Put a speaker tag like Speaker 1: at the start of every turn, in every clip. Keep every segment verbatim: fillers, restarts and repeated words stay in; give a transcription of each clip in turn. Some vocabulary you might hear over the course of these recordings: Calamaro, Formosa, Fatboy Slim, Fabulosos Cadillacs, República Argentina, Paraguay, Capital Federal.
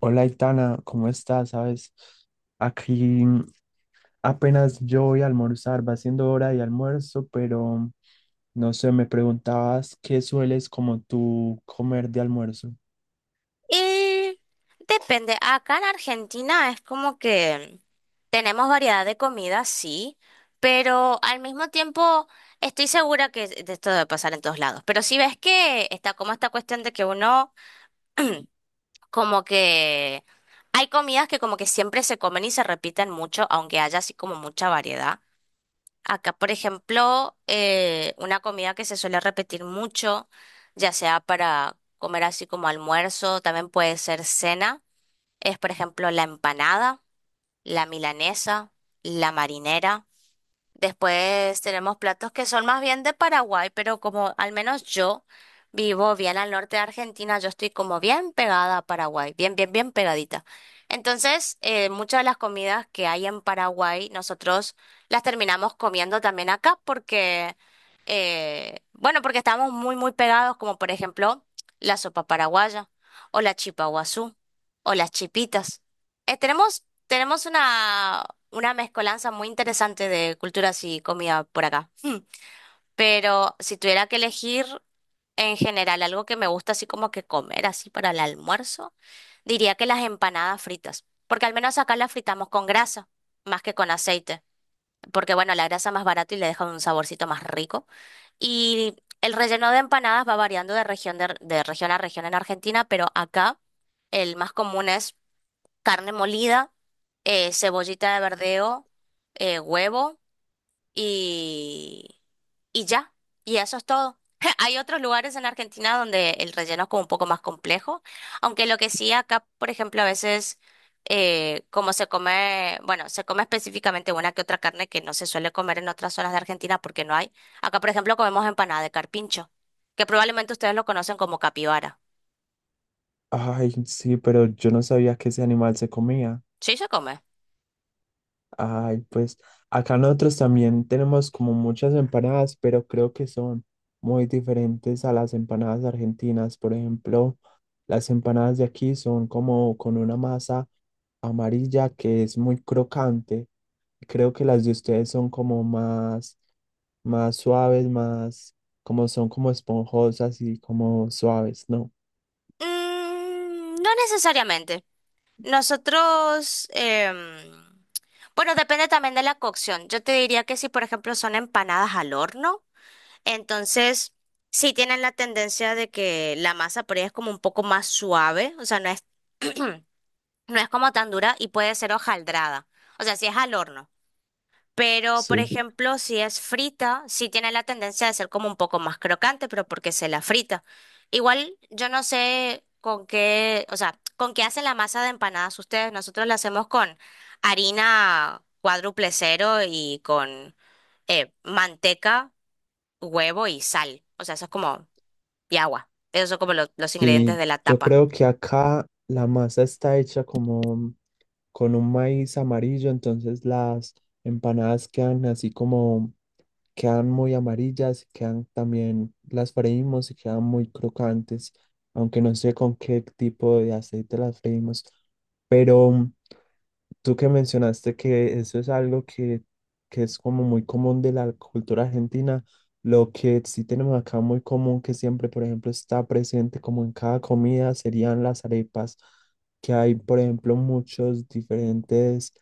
Speaker 1: Hola, Itana, ¿cómo estás? ¿Sabes? Aquí apenas yo voy a almorzar, va siendo hora de almuerzo, pero no sé, me preguntabas qué sueles como tú comer de almuerzo.
Speaker 2: Y depende, acá en Argentina es como que tenemos variedad de comida, sí, pero al mismo tiempo estoy segura que de esto debe pasar en todos lados. Pero si ves que está como esta cuestión de que uno como que hay comidas que como que siempre se comen y se repiten mucho, aunque haya así como mucha variedad. Acá, por ejemplo, eh, una comida que se suele repetir mucho, ya sea para comer así como almuerzo, también puede ser cena es, por ejemplo, la empanada, la milanesa, la marinera. Después tenemos platos que son más bien de Paraguay, pero como al menos yo vivo bien al norte de Argentina, yo estoy como bien pegada a Paraguay, bien, bien, bien pegadita. Entonces, eh, muchas de las comidas que hay en Paraguay, nosotros las terminamos comiendo también acá porque, eh, bueno, porque estamos muy, muy pegados, como por ejemplo la sopa paraguaya o la chipa guazú o las chipitas. Eh, tenemos tenemos una, una mezcolanza muy interesante de culturas y comida por acá. Hmm. Pero si tuviera que elegir en general algo que me gusta así como que comer así para el almuerzo, diría que las empanadas fritas, porque al menos acá las fritamos con grasa más que con aceite, porque bueno, la grasa es más barata y le deja un saborcito más rico. Y el relleno de empanadas va variando de región, de de región a región en Argentina, pero acá el más común es carne molida, eh, cebollita de verdeo, eh, huevo y, y ya. Y eso es todo. Hay otros lugares en la Argentina donde el relleno es como un poco más complejo, aunque lo que sí acá, por ejemplo, a veces eh, como se come, bueno, se come específicamente una que otra carne que no se suele comer en otras zonas de Argentina porque no hay. Acá, por ejemplo, comemos empanada de carpincho, que probablemente ustedes lo conocen como capibara.
Speaker 1: Ay, sí, pero yo no sabía que ese animal se comía.
Speaker 2: Sí se come.
Speaker 1: Ay, pues acá nosotros también tenemos como muchas empanadas, pero creo que son muy diferentes a las empanadas argentinas. Por ejemplo, las empanadas de aquí son como con una masa amarilla que es muy crocante. Creo que las de ustedes son como más, más suaves, más, como son como esponjosas y como suaves, ¿no?
Speaker 2: Mm, no necesariamente. Nosotros, em, bueno, depende también de la cocción. Yo te diría que si, por ejemplo, son empanadas al horno, entonces sí tienen la tendencia de que la masa por ahí es como un poco más suave, o sea, no es, no es como tan dura y puede ser hojaldrada. O sea, si es al horno. Pero, por
Speaker 1: Sí,
Speaker 2: ejemplo, si es frita, sí tiene la tendencia de ser como un poco más crocante, pero porque se la frita. Igual, yo no sé con qué, o sea, con qué hacen la masa de empanadas ustedes. Nosotros la hacemos con harina cuádruple cero y con eh, manteca, huevo y sal. O sea, eso es como, y agua. Esos son como lo- los ingredientes
Speaker 1: sí,
Speaker 2: de la
Speaker 1: yo
Speaker 2: tapa.
Speaker 1: creo que acá la masa está hecha como con un maíz amarillo, entonces las empanadas quedan así como, quedan muy amarillas, y quedan también, las freímos y quedan muy crocantes, aunque no sé con qué tipo de aceite las freímos, pero... Tú que mencionaste que eso es algo que, que es como muy común de la cultura argentina, lo que sí tenemos acá muy común, que siempre, por ejemplo, está presente como en cada comida, serían las arepas, que hay, por ejemplo, muchos diferentes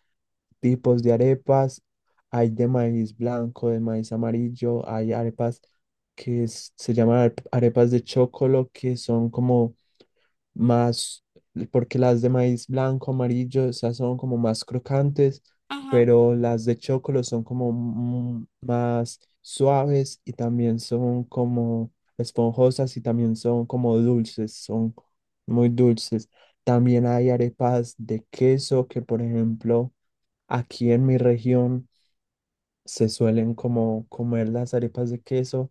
Speaker 1: tipos de arepas. Hay de maíz blanco, de maíz amarillo, hay arepas que es- se llaman arep- arepas de chocolo, que son como más, porque las de maíz blanco, amarillo, esas son como más crocantes, pero las de chocolo son como mm, más suaves y también son como esponjosas y también son como dulces, son muy dulces. También hay arepas de queso que, por ejemplo, aquí en mi región se suelen como comer las arepas de queso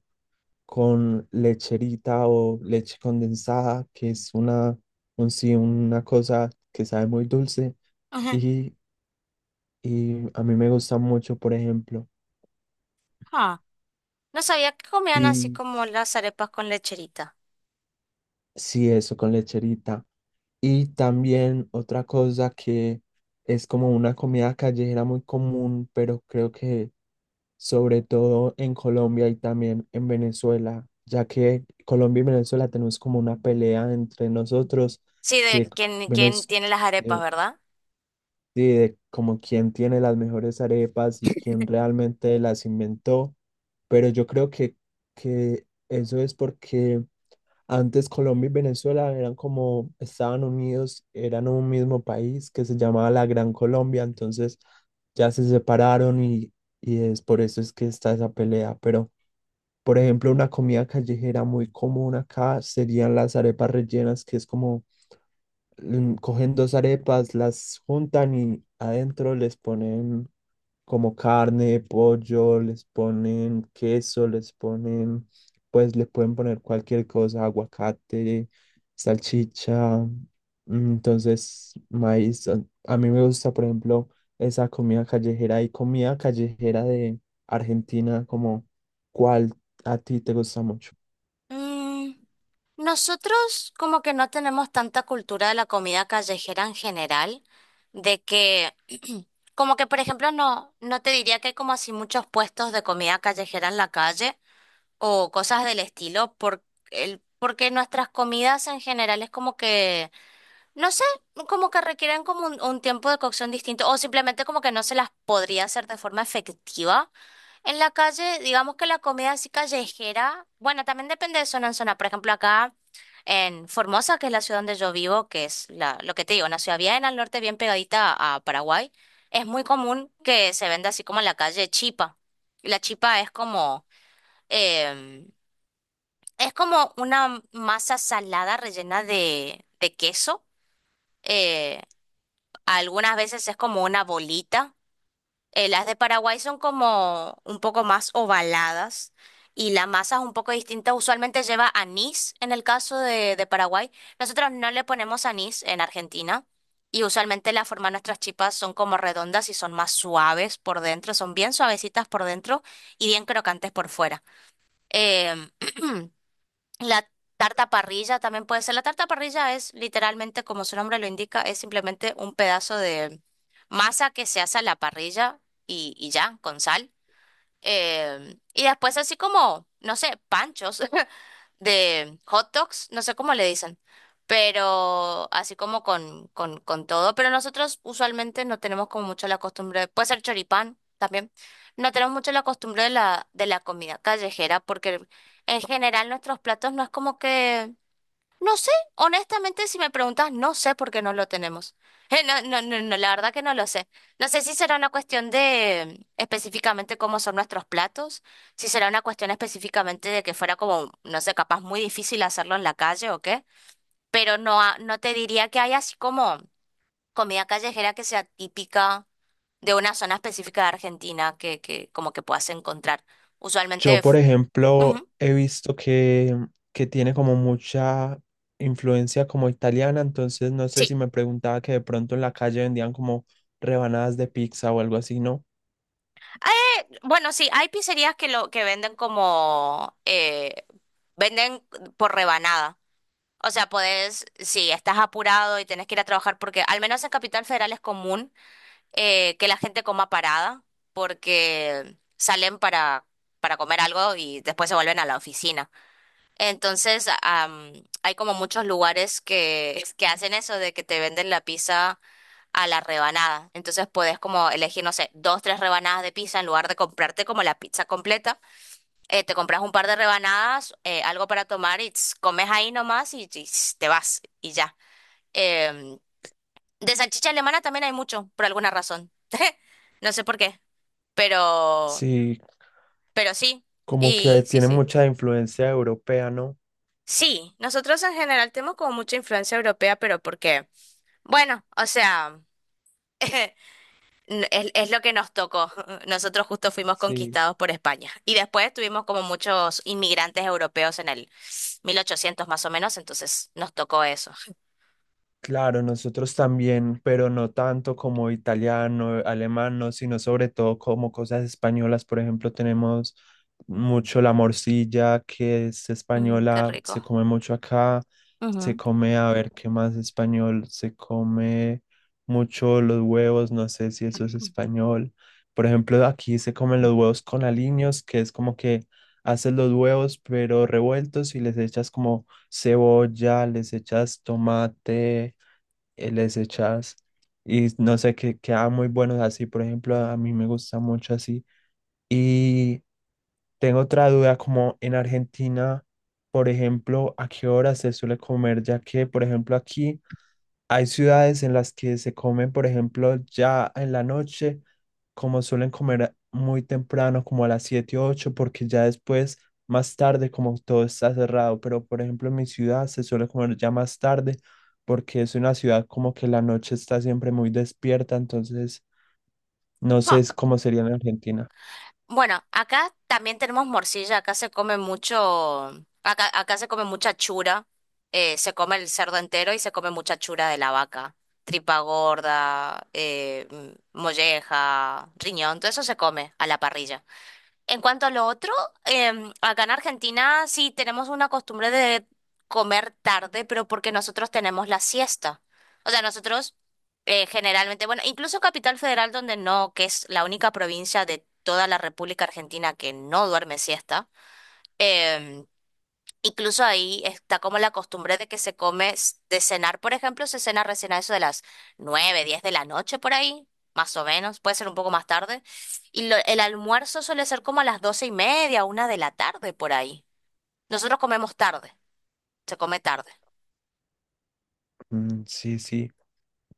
Speaker 1: con lecherita o leche condensada, que es una, un, sí, una cosa que sabe muy dulce
Speaker 2: Ujú, ujú.
Speaker 1: y, y a mí me gusta mucho, por ejemplo.
Speaker 2: Ah, no sabía que comían así
Speaker 1: Y
Speaker 2: como las arepas con lecherita.
Speaker 1: sí, eso con lecherita. Y también otra cosa que es como una comida callejera muy común, pero creo que sobre todo en Colombia y también en Venezuela, ya que Colombia y Venezuela tenemos como una pelea entre nosotros
Speaker 2: Sí,
Speaker 1: que
Speaker 2: de quien, quien
Speaker 1: Venezuela
Speaker 2: tiene las arepas, ¿verdad?
Speaker 1: sí, de como quién tiene las mejores arepas y quién realmente las inventó, pero yo creo que, que eso es porque antes Colombia y Venezuela eran como, estaban unidos, eran un mismo país que se llamaba la Gran Colombia, entonces ya se separaron y, y es por eso es que está esa pelea, pero por ejemplo una comida callejera muy común acá serían las arepas rellenas, que es como mm, cogen dos arepas, las juntan y adentro les ponen como carne, pollo, les ponen queso, les ponen, pues le pueden poner cualquier cosa, aguacate, salchicha, mm, entonces maíz. A a mí me gusta, por ejemplo, esa comida callejera y comida callejera de Argentina, como cuál a ti te gusta mucho.
Speaker 2: Mm, Nosotros como que no tenemos tanta cultura de la comida callejera en general, de que como que por ejemplo no, no te diría que hay como así muchos puestos de comida callejera en la calle o cosas del estilo, por el, porque nuestras comidas en general es como que no sé, como que requieren como un, un tiempo de cocción distinto o simplemente como que no se las podría hacer de forma efectiva. En la calle, digamos que la comida así callejera, bueno, también depende de zona en zona. Por ejemplo, acá en Formosa, que es la ciudad donde yo vivo, que es la, lo que te digo, una ciudad bien al norte, bien pegadita a Paraguay, es muy común que se venda así como en la calle chipa. La chipa es como, em, es como una masa salada rellena de, de queso. Eh, Algunas veces es como una bolita. Eh, las de Paraguay son como un poco más ovaladas y la masa es un poco distinta. Usualmente lleva anís en el caso de, de Paraguay. Nosotros no le ponemos anís en Argentina y usualmente la forma de nuestras chipas son como redondas y son más suaves por dentro. Son bien suavecitas por dentro y bien crocantes por fuera. Eh, La tarta parrilla también puede ser. La tarta parrilla es literalmente, como su nombre lo indica, es simplemente un pedazo de masa que se hace a la parrilla y, y ya, con sal. Eh, y después así como, no sé, panchos, de hot dogs, no sé cómo le dicen, pero así como con, con, con todo. Pero nosotros usualmente no tenemos como mucho la costumbre, puede ser choripán también, no tenemos mucho la costumbre de la, de la comida callejera, porque en general nuestros platos no es como que no sé, honestamente, si me preguntas, no sé por qué no lo tenemos. Eh, no, no, no, no, la verdad que no lo sé. No sé si será una cuestión de mm, específicamente cómo son nuestros platos, si será una cuestión específicamente de que fuera como, no sé, capaz muy difícil hacerlo en la calle o qué, pero no, ha- no te diría que hay así como comida callejera que sea típica de una zona específica de Argentina que, que como que puedas encontrar. Usualmente,
Speaker 1: Yo, por
Speaker 2: f-
Speaker 1: ejemplo,
Speaker 2: ujú,
Speaker 1: he visto que, que tiene como mucha influencia como italiana, entonces no sé
Speaker 2: sí.
Speaker 1: si me preguntaba que de pronto en la calle vendían como rebanadas de pizza o algo así, ¿no?
Speaker 2: Bueno, sí, hay pizzerías que lo que venden como eh, venden por rebanada. O sea, podés, si estás apurado y tenés que ir a trabajar, porque al menos en Capital Federal es común eh, que la gente coma parada, porque salen para, para comer algo y después se vuelven a la oficina. Entonces, am, hay como muchos lugares que, que hacen eso de que te venden la pizza a la rebanada. Entonces puedes como elegir, no sé, dos, tres rebanadas de pizza en lugar de comprarte como la pizza completa. Eh, te compras un par de rebanadas, eh, algo para tomar y tss, comes ahí nomás y, y tss, te vas y ya. Em, de salchicha alemana también hay mucho, por alguna razón. No sé por qué, pero,
Speaker 1: Sí,
Speaker 2: pero sí.
Speaker 1: como
Speaker 2: Y
Speaker 1: que
Speaker 2: sí,
Speaker 1: tiene
Speaker 2: sí.
Speaker 1: mucha influencia europea, ¿no?
Speaker 2: Sí, nosotros en general tenemos como mucha influencia europea, pero porque, bueno, o sea, n- es, es lo que nos tocó. Nosotros justo fuimos
Speaker 1: Sí.
Speaker 2: conquistados por España y después tuvimos como muchos inmigrantes europeos en el mil ochocientos más o menos, entonces nos tocó eso.
Speaker 1: Claro, nosotros también, pero no tanto como italiano, alemán, no, sino sobre todo como cosas españolas. Por ejemplo, tenemos mucho la morcilla, que es
Speaker 2: Mm, qué
Speaker 1: española, se
Speaker 2: rico.
Speaker 1: come mucho acá. Se
Speaker 2: Ujú.
Speaker 1: come, a ver, ¿qué más español? Se come mucho los huevos, no sé si eso es español. Por ejemplo, aquí se comen los huevos con aliños, que es como que haces los huevos, pero revueltos y les echas como cebolla, les echas tomate eh, les echas y no sé, que queda muy buenos así, por ejemplo, a mí me gusta mucho así. Y tengo otra duda, como en Argentina, por ejemplo, ¿a qué hora se suele comer? Ya que, por ejemplo, aquí... Hay ciudades en las que se comen, por ejemplo, ya en la noche, como suelen comer muy temprano, como a las siete o ocho, porque ya después, más tarde, como todo está cerrado. Pero, por ejemplo, en mi ciudad se suele comer ya más tarde, porque es una ciudad como que la noche está siempre muy despierta. Entonces, no sé
Speaker 2: Ah,
Speaker 1: es cómo sería en Argentina.
Speaker 2: bueno, acá también tenemos morcilla, acá se come mucho, acá, acá se come mucha chura, eh, se come el cerdo entero y se come mucha chura de la vaca, tripa gorda, eh, mm, molleja, riñón, todo eso se come a la parrilla. En cuanto a lo otro, em, acá en Argentina sí tenemos una costumbre de comer tarde, pero porque nosotros tenemos la siesta. O sea, nosotros eh, generalmente, bueno, incluso Capital Federal, donde no, que es la única provincia de toda la República Argentina que no duerme siesta, em, Incluso ahí está como la costumbre de que se come s- de cenar, por ejemplo, se cena recién a eso de las nueve diez de la noche por ahí, más o menos, puede ser un poco más tarde. Y lo- el almuerzo suele ser como a las doce y media, una de la tarde por ahí. Nosotros comemos tarde, se come tarde.
Speaker 1: Mm, sí, sí.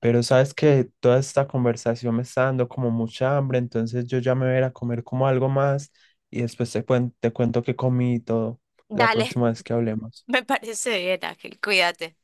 Speaker 1: Pero sabes que toda esta conversación me está dando como mucha hambre, entonces yo ya me voy a ir a comer como algo más y después te cuen- te cuento que comí y todo la
Speaker 2: Dale,
Speaker 1: próxima vez que hablemos.
Speaker 2: me parece bien, Ángel, cuídate.